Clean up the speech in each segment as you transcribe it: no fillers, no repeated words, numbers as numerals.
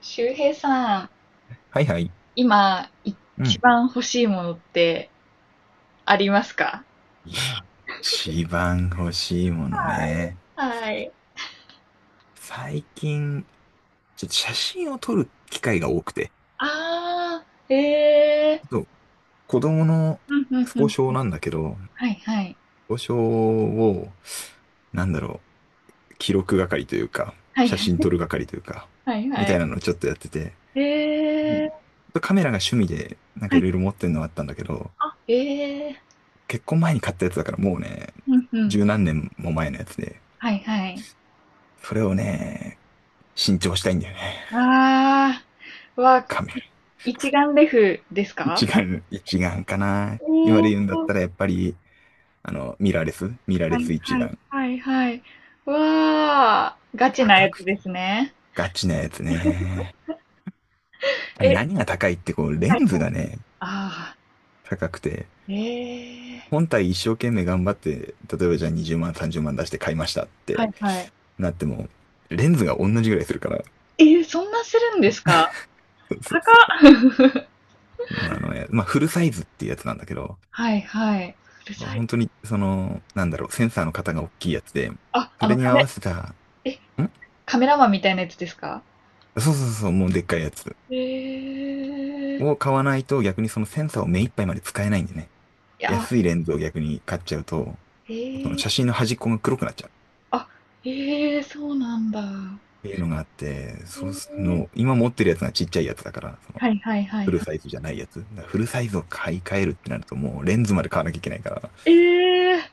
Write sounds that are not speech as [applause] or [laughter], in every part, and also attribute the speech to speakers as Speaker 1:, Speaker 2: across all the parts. Speaker 1: 周平さん、
Speaker 2: はいはい。
Speaker 1: 今、一
Speaker 2: うん。
Speaker 1: 番欲しいものってありますか？
Speaker 2: いや一番欲しいもの
Speaker 1: はい。
Speaker 2: ね。
Speaker 1: はい。
Speaker 2: 最近、ちょっと写真を撮る機会が多くて。
Speaker 1: ああ、ええ、
Speaker 2: そう、子供の
Speaker 1: うんうん
Speaker 2: ス
Speaker 1: う
Speaker 2: ポ
Speaker 1: ん。
Speaker 2: 少なんだけど、
Speaker 1: はいはい。
Speaker 2: スポ少を、なんだろ記録係というか、
Speaker 1: はい
Speaker 2: 写
Speaker 1: は
Speaker 2: 真
Speaker 1: い。
Speaker 2: 撮る係というか、
Speaker 1: はい
Speaker 2: み
Speaker 1: は
Speaker 2: た
Speaker 1: い。
Speaker 2: いなのをちょっとやってて、
Speaker 1: え
Speaker 2: うん
Speaker 1: ー、
Speaker 2: ちょっとカメラが趣味で、なんか
Speaker 1: は
Speaker 2: い
Speaker 1: い。
Speaker 2: ろいろ持ってるのはあったんだけど、
Speaker 1: あ、
Speaker 2: 結婚前に買ったやつだからもうね、
Speaker 1: うんうん。
Speaker 2: 十何年も前のやつで、
Speaker 1: はいはい。
Speaker 2: それをね、新調したいんだよね。
Speaker 1: ああ、は、
Speaker 2: カメ
Speaker 1: 一眼レフですか？
Speaker 2: 一眼、一眼かな。今
Speaker 1: お
Speaker 2: で言うんだっ
Speaker 1: ー、
Speaker 2: たらやっぱり、ミラー
Speaker 1: は
Speaker 2: レ
Speaker 1: い
Speaker 2: ス一
Speaker 1: はい
Speaker 2: 眼。
Speaker 1: はいはい。わあ、ガチな
Speaker 2: 高
Speaker 1: やつ
Speaker 2: く
Speaker 1: で
Speaker 2: て。
Speaker 1: すね。
Speaker 2: ガチなやつね。あ
Speaker 1: え、
Speaker 2: 何が高いってこう、レ
Speaker 1: はい
Speaker 2: ン
Speaker 1: は
Speaker 2: ズ
Speaker 1: い。
Speaker 2: がね、
Speaker 1: ああ。
Speaker 2: 高くて。
Speaker 1: ええ、
Speaker 2: 本体一生懸命頑張って、例えばじゃあ20万、30万出して買いましたっ
Speaker 1: は
Speaker 2: て
Speaker 1: いはい。
Speaker 2: なっても、レンズが同じぐらいするから。
Speaker 1: ええ、そんなするんですか？
Speaker 2: そうそう
Speaker 1: 高
Speaker 2: そう。
Speaker 1: っ。[laughs]
Speaker 2: 今あのや、まあ、フルサイズっていうやつなんだけど、
Speaker 1: はいはい。うるさい。
Speaker 2: 本当に、センサーの型が大きいやつで、
Speaker 1: あ、
Speaker 2: それに合わせた、
Speaker 1: え、
Speaker 2: ん
Speaker 1: カメラマンみたいなやつですか？
Speaker 2: そうそうそう、もうでっかいやつ。
Speaker 1: ええ。い
Speaker 2: を買わないと逆にそのセンサーを目いっぱいまで使えないんでね。
Speaker 1: や、
Speaker 2: 安いレンズを逆に買っちゃうと、その
Speaker 1: ええ、
Speaker 2: 写真の端っこが黒くなっちゃうっ
Speaker 1: あ、ええ、そうなんだ。
Speaker 2: ていうのがあって、そう
Speaker 1: え
Speaker 2: す
Speaker 1: え、
Speaker 2: の、今持ってるやつがちっちゃいやつだから、その、
Speaker 1: はいはいは
Speaker 2: フ
Speaker 1: い
Speaker 2: ル
Speaker 1: はい。
Speaker 2: サイズじゃないやつ。だからフルサイズを買い替えるってなるともうレンズまで買わなきゃいけないから、
Speaker 1: ええ、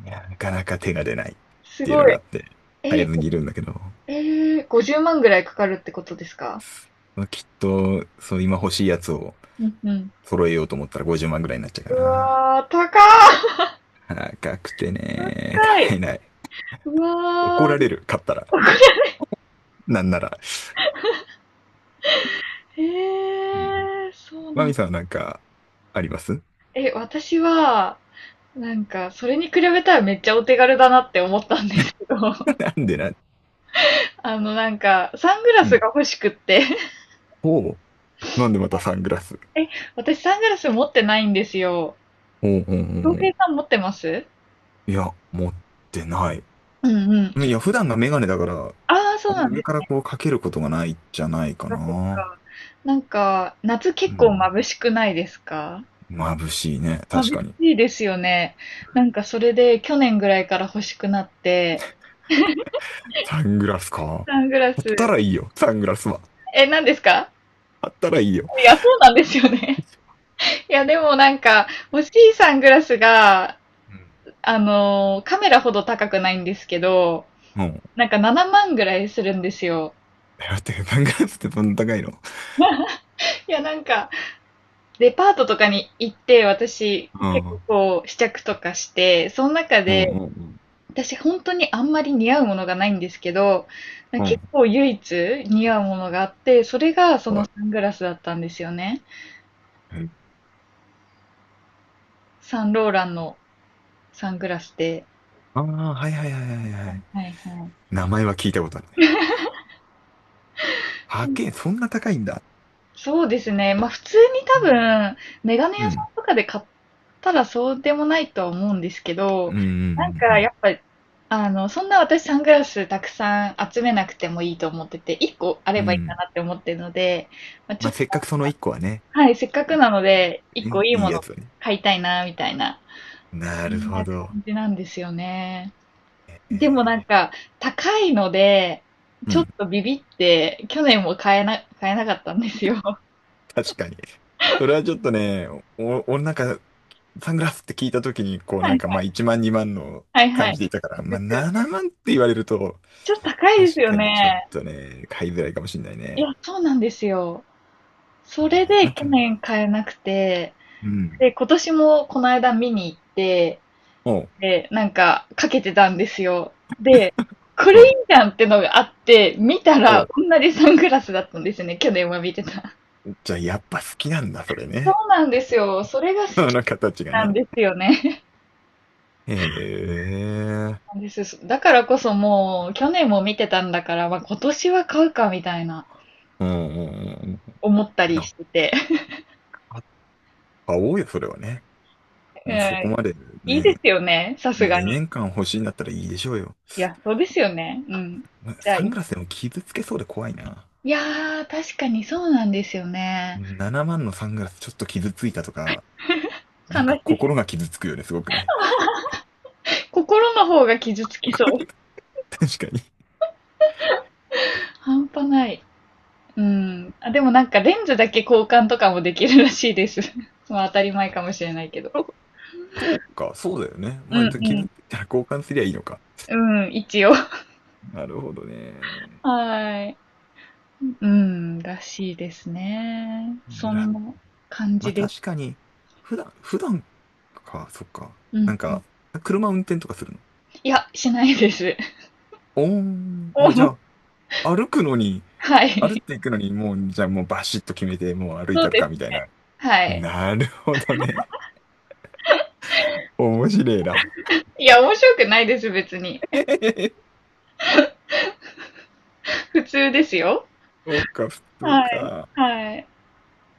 Speaker 2: いや、なかなか手が出ないっ
Speaker 1: す
Speaker 2: ていうの
Speaker 1: ご
Speaker 2: が
Speaker 1: い。
Speaker 2: あって、
Speaker 1: え
Speaker 2: 買え
Speaker 1: え、
Speaker 2: ずにいるんだけど、
Speaker 1: ええ、50万ぐらいかかるってことですか？
Speaker 2: まあきっと、そう今欲しいやつを
Speaker 1: うんうん。
Speaker 2: 揃えようと思ったら50万ぐらいになっちゃうか
Speaker 1: う
Speaker 2: な。
Speaker 1: わ、高っ。
Speaker 2: 高くてね、
Speaker 1: 高い。
Speaker 2: 買えない。
Speaker 1: う
Speaker 2: 怒
Speaker 1: わ。
Speaker 2: ら
Speaker 1: ー
Speaker 2: れる、買ったら。なんなら。
Speaker 1: へ
Speaker 2: うん
Speaker 1: え、そう
Speaker 2: マ
Speaker 1: な
Speaker 2: ミ
Speaker 1: ん。
Speaker 2: さんはなんか、あります？
Speaker 1: え、私は、なんか、それに比べたらめっちゃお手軽だなって思ったんですけど、[laughs]
Speaker 2: [laughs] なんでな、
Speaker 1: なんか、サングラ
Speaker 2: う
Speaker 1: ス
Speaker 2: ん。
Speaker 1: が欲しくって。[laughs]
Speaker 2: ほう。なんでまたサングラス。
Speaker 1: え、私サングラス持ってないんですよ。
Speaker 2: ほうほうほうほ
Speaker 1: 恭平
Speaker 2: う。
Speaker 1: さん持ってます？
Speaker 2: いや、持ってない。
Speaker 1: うんうん。
Speaker 2: いや、普段がメガネだから、
Speaker 1: ああ、そ
Speaker 2: あ
Speaker 1: う
Speaker 2: んま
Speaker 1: なんで
Speaker 2: 上
Speaker 1: す
Speaker 2: からこうかけることがないじゃないか
Speaker 1: か。そっ
Speaker 2: な。
Speaker 1: か。なんか、夏
Speaker 2: う
Speaker 1: 結構
Speaker 2: ん。
Speaker 1: 眩しくないですか？
Speaker 2: 眩しいね。確
Speaker 1: 眩
Speaker 2: かに。
Speaker 1: しいですよね。なんか、それで去年ぐらいから欲しくなって、
Speaker 2: サングラスか。
Speaker 1: サングラ
Speaker 2: あった
Speaker 1: ス、
Speaker 2: らいいよ。サングラスは。
Speaker 1: え、何ですか？
Speaker 2: あったらいいよ。
Speaker 1: いや、そうなんですよね。いや、でもなんか、欲しいサングラスが、
Speaker 2: うん。
Speaker 1: カメラほど高くないんですけど、
Speaker 2: うん。
Speaker 1: なんか7万ぐらいするんですよ。
Speaker 2: えだって、サングラスってどんな高いの？
Speaker 1: [laughs] いや、なんか、デパートとかに行って、私、
Speaker 2: うん。
Speaker 1: 結
Speaker 2: う
Speaker 1: 構
Speaker 2: ん
Speaker 1: こう、試着とかして、その中
Speaker 2: う
Speaker 1: で、
Speaker 2: ん
Speaker 1: 私本当にあんまり似合うものがないんですけど、
Speaker 2: うん。う
Speaker 1: 結
Speaker 2: ん。
Speaker 1: 構唯一似合うものがあって、それがその
Speaker 2: は
Speaker 1: サングラスだったんですよね。
Speaker 2: い。
Speaker 1: サンローランのサングラスで。
Speaker 2: ああー、はいはいはいはいはい。
Speaker 1: はいはい。
Speaker 2: 名前は聞いたことあるね。
Speaker 1: そう、
Speaker 2: 8K、そんな高いんだ。
Speaker 1: そうですね。まあ普通に
Speaker 2: う
Speaker 1: 多
Speaker 2: ん。
Speaker 1: 分、メガネ
Speaker 2: う
Speaker 1: 屋さ
Speaker 2: ん、
Speaker 1: んとかで買ったらそうでもないとは思うんですけ
Speaker 2: うん、
Speaker 1: ど、
Speaker 2: う
Speaker 1: なん
Speaker 2: ん、う
Speaker 1: かや
Speaker 2: ん。
Speaker 1: っぱ、そんな私サングラスたくさん集めなくてもいいと思ってて、1個あ
Speaker 2: う
Speaker 1: ればいいか
Speaker 2: ん
Speaker 1: なって思ってるので、まあ、ちょ
Speaker 2: まあ、
Speaker 1: っ
Speaker 2: せっか
Speaker 1: と、
Speaker 2: くその1個はね、
Speaker 1: はい、せっかくなので、1個
Speaker 2: ね
Speaker 1: いい
Speaker 2: いい
Speaker 1: も
Speaker 2: や
Speaker 1: の
Speaker 2: つはね。
Speaker 1: 買いたいな、みたいな、
Speaker 2: な
Speaker 1: そ
Speaker 2: る
Speaker 1: んな
Speaker 2: ほど。
Speaker 1: 感じなんですよね。でもなん
Speaker 2: え
Speaker 1: か、高いので、
Speaker 2: ー、う
Speaker 1: ちょっ
Speaker 2: ん、
Speaker 1: とビビって、去年も買えなかったんですよ。[laughs]
Speaker 2: 確かに。それはちょっとね、お、俺なんか、サングラスって聞いたときに、こう
Speaker 1: は
Speaker 2: なん
Speaker 1: い
Speaker 2: か
Speaker 1: は
Speaker 2: まあ
Speaker 1: い。
Speaker 2: 1万2万の
Speaker 1: はいは
Speaker 2: 感
Speaker 1: い。
Speaker 2: じでいたか
Speaker 1: そ
Speaker 2: ら、
Speaker 1: う
Speaker 2: ま
Speaker 1: で
Speaker 2: あ
Speaker 1: すよね。
Speaker 2: 7万って言われると、
Speaker 1: ちょっと高いです
Speaker 2: 確
Speaker 1: よ
Speaker 2: かにちょっ
Speaker 1: ね。
Speaker 2: とね、買いづらいかもしれない
Speaker 1: いや、
Speaker 2: ね。
Speaker 1: そうなんですよ。
Speaker 2: え
Speaker 1: それ
Speaker 2: ー
Speaker 1: で
Speaker 2: なん
Speaker 1: 去
Speaker 2: か
Speaker 1: 年
Speaker 2: ね、
Speaker 1: 買えなくて、
Speaker 2: うん。
Speaker 1: で、今年もこの間見に行って、
Speaker 2: おう、
Speaker 1: で、なんかかけてたんですよ。で、これ
Speaker 2: お
Speaker 1: いい
Speaker 2: う、
Speaker 1: じゃんってのがあって、見た
Speaker 2: お
Speaker 1: ら
Speaker 2: う。
Speaker 1: 同じサングラスだったんですね。去年は見てた。
Speaker 2: じゃあやっぱ好きなんだ、それ
Speaker 1: そ
Speaker 2: ね。
Speaker 1: うなんですよ。それが好
Speaker 2: [laughs] あ
Speaker 1: き
Speaker 2: の形が
Speaker 1: なん
Speaker 2: ね。
Speaker 1: ですよね。
Speaker 2: へえ。
Speaker 1: [laughs] です。だからこそもう、去年も見てたんだから、まあ、今年は買うかみたいな
Speaker 2: うんうんうんうん。
Speaker 1: 思ったり
Speaker 2: や、
Speaker 1: してて。
Speaker 2: あ買おうよ、それはね。
Speaker 1: [laughs] う
Speaker 2: うんそこ
Speaker 1: ん、
Speaker 2: まで
Speaker 1: いい
Speaker 2: ね、
Speaker 1: ですよね。さすがに。
Speaker 2: 2年間欲しいんだったらいいでしょうよ。
Speaker 1: いや、そうですよね。うん。じゃあ、
Speaker 2: サングラスでも傷つけそうで怖いな。
Speaker 1: いやー、確かにそうなんですよね。
Speaker 2: 7万のサングラスちょっと傷ついたとか、なんか
Speaker 1: 悲し
Speaker 2: 心が傷つくよね、すごくね。
Speaker 1: す心の方が傷つきそう。
Speaker 2: [laughs] 確かに。
Speaker 1: 半端ない。うん。あ、でもなんかレンズだけ交換とかもできるらしいです。[laughs] まあ当たり前かもしれないけど。
Speaker 2: あそうか、そうだよね。
Speaker 1: う
Speaker 2: まあ、傷
Speaker 1: ん
Speaker 2: ついたら交換すりゃいいのか。
Speaker 1: うん。うん、一応。
Speaker 2: なるほどね。
Speaker 1: はい。うん、らしいですね。そんな感
Speaker 2: ま
Speaker 1: じ
Speaker 2: あ
Speaker 1: で
Speaker 2: 確
Speaker 1: す。
Speaker 2: かに、普段か、そっか。
Speaker 1: う
Speaker 2: な
Speaker 1: ん
Speaker 2: ん
Speaker 1: うん。
Speaker 2: か、車運転とかするの？
Speaker 1: いや、しないです。
Speaker 2: おーん、あ、
Speaker 1: [laughs]
Speaker 2: じ
Speaker 1: もう、
Speaker 2: ゃあ、歩くのに、
Speaker 1: は
Speaker 2: 歩っ
Speaker 1: い。
Speaker 2: ていくのに、もう、じゃあもうバシッと決めて、もう歩い
Speaker 1: そう
Speaker 2: たる
Speaker 1: で
Speaker 2: か、み
Speaker 1: すね。
Speaker 2: たいな。
Speaker 1: はい。
Speaker 2: なるほどね。面白いな。
Speaker 1: いや、面白くないです、別に。
Speaker 2: [laughs] え
Speaker 1: [laughs]
Speaker 2: へへへ
Speaker 1: 普通ですよ。
Speaker 2: そうか、普通
Speaker 1: はい。
Speaker 2: か。
Speaker 1: はい。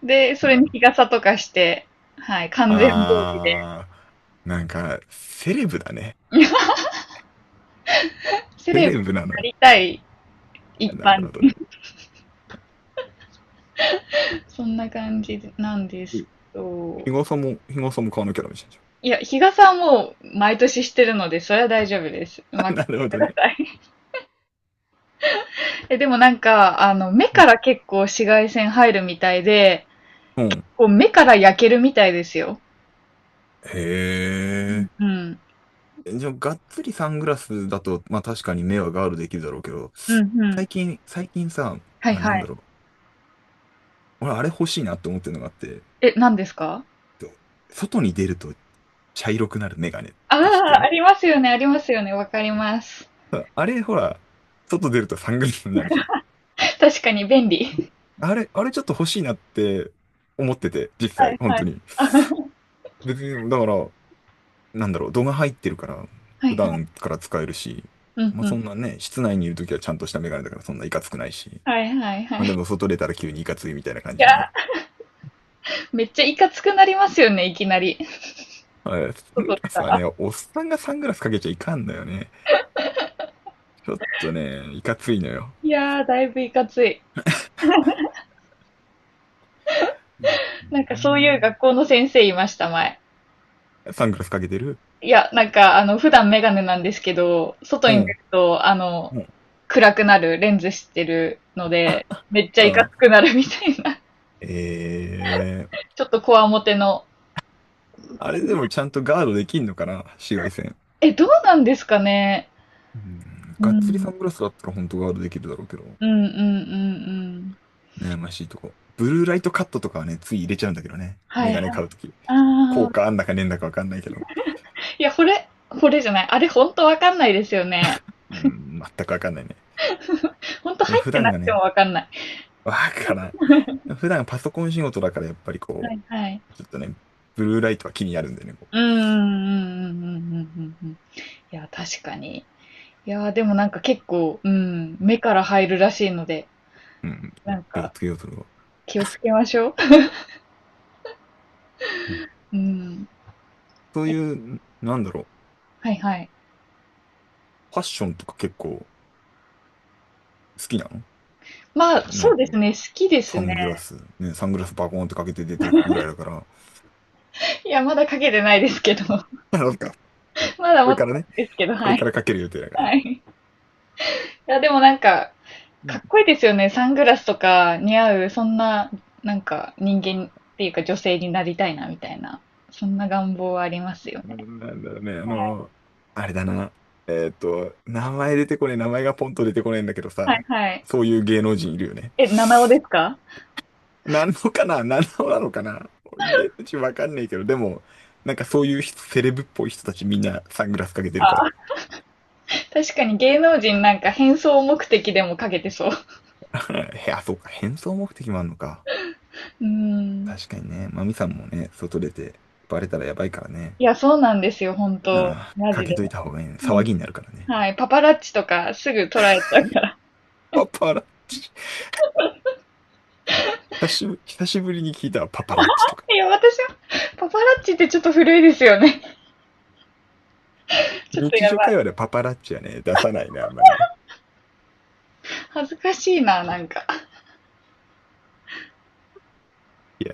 Speaker 1: で、それ
Speaker 2: な
Speaker 1: に
Speaker 2: る
Speaker 1: 日
Speaker 2: ほど。
Speaker 1: 傘とかして、はい、完全防備で、
Speaker 2: あー、なんか、セレブだね。
Speaker 1: セ
Speaker 2: セ
Speaker 1: レブ
Speaker 2: レブな
Speaker 1: に
Speaker 2: のよ。
Speaker 1: なりたい一
Speaker 2: な
Speaker 1: 般
Speaker 2: るほど
Speaker 1: 人。
Speaker 2: ね。
Speaker 1: [laughs] そんな感じなんで
Speaker 2: う
Speaker 1: す
Speaker 2: ん
Speaker 1: けど、
Speaker 2: 日傘も、日傘も買わなきゃダメじゃんじゃ
Speaker 1: いや、日傘はもう毎年してるので、それは大丈夫です。
Speaker 2: ん。
Speaker 1: うまく
Speaker 2: [laughs]
Speaker 1: し
Speaker 2: なるほ
Speaker 1: てく
Speaker 2: ど
Speaker 1: だ
Speaker 2: ね。
Speaker 1: さい。[laughs] え、でもなんか、目
Speaker 2: う
Speaker 1: か
Speaker 2: ん。
Speaker 1: ら結構紫外線入るみたいで、
Speaker 2: うん
Speaker 1: こう、目から焼けるみたいですよ。
Speaker 2: へ
Speaker 1: うん。う
Speaker 2: え。
Speaker 1: ん、
Speaker 2: じゃあ、がっつりサングラスだと、まあ確かに目はガードできるだろうけど、
Speaker 1: うん。うん、
Speaker 2: 最近さ、
Speaker 1: はい、
Speaker 2: まあ
Speaker 1: は
Speaker 2: なん
Speaker 1: い。
Speaker 2: だろう。俺あれ欲しいなと思ってるのがあって、
Speaker 1: え、何ですか？
Speaker 2: と外に出ると茶色くなるメガネっ
Speaker 1: あ
Speaker 2: て知って
Speaker 1: あ、あ
Speaker 2: る？
Speaker 1: りますよね、ありますよね、わかります。
Speaker 2: あ [laughs] あれ、ほら、外出るとサングラスになるじゃん。
Speaker 1: [laughs] 確かに便利。
Speaker 2: あれちょっと欲しいなって思ってて、実
Speaker 1: は
Speaker 2: 際、
Speaker 1: い
Speaker 2: 本
Speaker 1: は
Speaker 2: 当
Speaker 1: い。
Speaker 2: に。
Speaker 1: [laughs] あ、は
Speaker 2: 別に、だから、なんだろう、度が入ってるから、普
Speaker 1: いはい。
Speaker 2: 段から使えるし、
Speaker 1: うん
Speaker 2: まあ
Speaker 1: う
Speaker 2: そ
Speaker 1: ん。
Speaker 2: んなね、室内にいるときはちゃんとしたメガネだからそんないかつくないし。
Speaker 1: はいはいは
Speaker 2: まあ
Speaker 1: い。
Speaker 2: で
Speaker 1: い
Speaker 2: も外出たら急にいかついみたいな感じ
Speaker 1: や、
Speaker 2: に。
Speaker 1: めっちゃいかつくなりますよね、いきなり。
Speaker 2: あサング
Speaker 1: 外出
Speaker 2: ラ
Speaker 1: た
Speaker 2: スは
Speaker 1: ら。
Speaker 2: ね、おっさんがサングラスかけちゃいかんのよね。ちょっとね、いかついのよ。
Speaker 1: いやー、だいぶいかつい。
Speaker 2: う
Speaker 1: なんかそういう
Speaker 2: ん
Speaker 1: 学校の先生いました、前。
Speaker 2: サングラスかけてる？
Speaker 1: いや、なんか、普段メガネなんですけど、外
Speaker 2: う
Speaker 1: に出
Speaker 2: ん。
Speaker 1: ると、
Speaker 2: うん。
Speaker 1: 暗くなる、レンズしてるので、めっちゃいか
Speaker 2: あ
Speaker 1: つ
Speaker 2: あ。
Speaker 1: くなるみたいな。
Speaker 2: ええ
Speaker 1: [laughs] ちょっとこわもての。
Speaker 2: あれでもちゃんとガードできんのかな紫外線。
Speaker 1: え、どうなんですかね。
Speaker 2: うん。
Speaker 1: う
Speaker 2: がっつりサ
Speaker 1: ん。
Speaker 2: ングラスだったら本当ガードできるだろうけど。
Speaker 1: うんうんうんうん。
Speaker 2: 悩ましいとこ。ブルーライトカットとかはね、つい入れちゃうんだけどね。
Speaker 1: は
Speaker 2: メ
Speaker 1: い
Speaker 2: ガネ
Speaker 1: はい。
Speaker 2: 買うとき。
Speaker 1: あ
Speaker 2: 効
Speaker 1: あ。
Speaker 2: 果あんだかねえんだかわかんないけど。
Speaker 1: いや、これじゃない。あれほんとわかんないですよね。
Speaker 2: うん、全くわかんないね。
Speaker 1: ほんと
Speaker 2: でも
Speaker 1: 入っ
Speaker 2: 普
Speaker 1: てな
Speaker 2: 段
Speaker 1: く
Speaker 2: が
Speaker 1: て
Speaker 2: ね、
Speaker 1: もわかんない。
Speaker 2: [laughs] わからん。普段パソコン仕事だからやっぱり
Speaker 1: は
Speaker 2: こ
Speaker 1: い
Speaker 2: う、
Speaker 1: はい。
Speaker 2: ちょっとね、ブルーライトは気になるんでね、こ
Speaker 1: うんうんうんうんうんうんうんうん。いや、確かに。いや、でもなんか結構、うん、目から入るらしいので、
Speaker 2: う。うん。いや
Speaker 1: なん
Speaker 2: 気を
Speaker 1: か
Speaker 2: つけようとは。
Speaker 1: 気をつけましょう。
Speaker 2: うん。
Speaker 1: うん。
Speaker 2: そういう、なんだろう。
Speaker 1: はいはい。
Speaker 2: ファッションとか結構好きなの？
Speaker 1: まあ、
Speaker 2: な
Speaker 1: そ
Speaker 2: ん
Speaker 1: う
Speaker 2: か、
Speaker 1: ですね、好きですね。
Speaker 2: サングラスバコーンってかけて出ていくぐらいだから、
Speaker 1: いや、まだかけてないですけど。[laughs]
Speaker 2: [laughs] なんか、
Speaker 1: まだ
Speaker 2: こ
Speaker 1: 持
Speaker 2: れ
Speaker 1: って
Speaker 2: から
Speaker 1: ない
Speaker 2: ね、
Speaker 1: ですけど、
Speaker 2: こ
Speaker 1: は
Speaker 2: れか
Speaker 1: い。
Speaker 2: らかける予定だからね。
Speaker 1: はい。いや、でもなんか、
Speaker 2: う
Speaker 1: か
Speaker 2: ん。
Speaker 1: っこいいですよね。サングラスとか似合う、そんな、なんか人間っていうか女性になりたいな、みたいな。そんな願望はありますよ
Speaker 2: な
Speaker 1: ね。
Speaker 2: んだろうね、あ
Speaker 1: はい
Speaker 2: の、あれだな。えっと、名前がポンと出てこねえんだけど
Speaker 1: はい。
Speaker 2: さ、
Speaker 1: はい。
Speaker 2: そういう芸能人いるよね。
Speaker 1: え、七尾ですか？
Speaker 2: 何のかな何のなのかな芸能人わかんないけど、でも、なんかそういう人セレブっぽい人たちみんなサングラスかけてるから。
Speaker 1: あ、確かに芸能人なんか変装目的でもかけてそう。
Speaker 2: [laughs] へ、あ、そうか。変装目的もあんのか。
Speaker 1: [laughs] うーん。
Speaker 2: 確かにね。マミさんもね、外出てバレたらやばいからね。
Speaker 1: いや、そうなんですよ、本
Speaker 2: うん。
Speaker 1: 当。マ
Speaker 2: か
Speaker 1: ジ
Speaker 2: け
Speaker 1: で。
Speaker 2: といた方がいいね。
Speaker 1: ほ
Speaker 2: 騒
Speaker 1: ん
Speaker 2: ぎになるからね。
Speaker 1: はい。パパラッチとかすぐ捉えちゃうから。
Speaker 2: パパラッチ。久しぶりに聞いたわ。パパラッチとか。
Speaker 1: [laughs] いや、私は、パパラッチってちょっと古いですよね。[laughs] ちょっと
Speaker 2: 日
Speaker 1: や
Speaker 2: 常
Speaker 1: ばい。
Speaker 2: 会話でパパラッチはね、出さないね、あんまりね。
Speaker 1: 恥ずかしいな、なんか。
Speaker 2: いや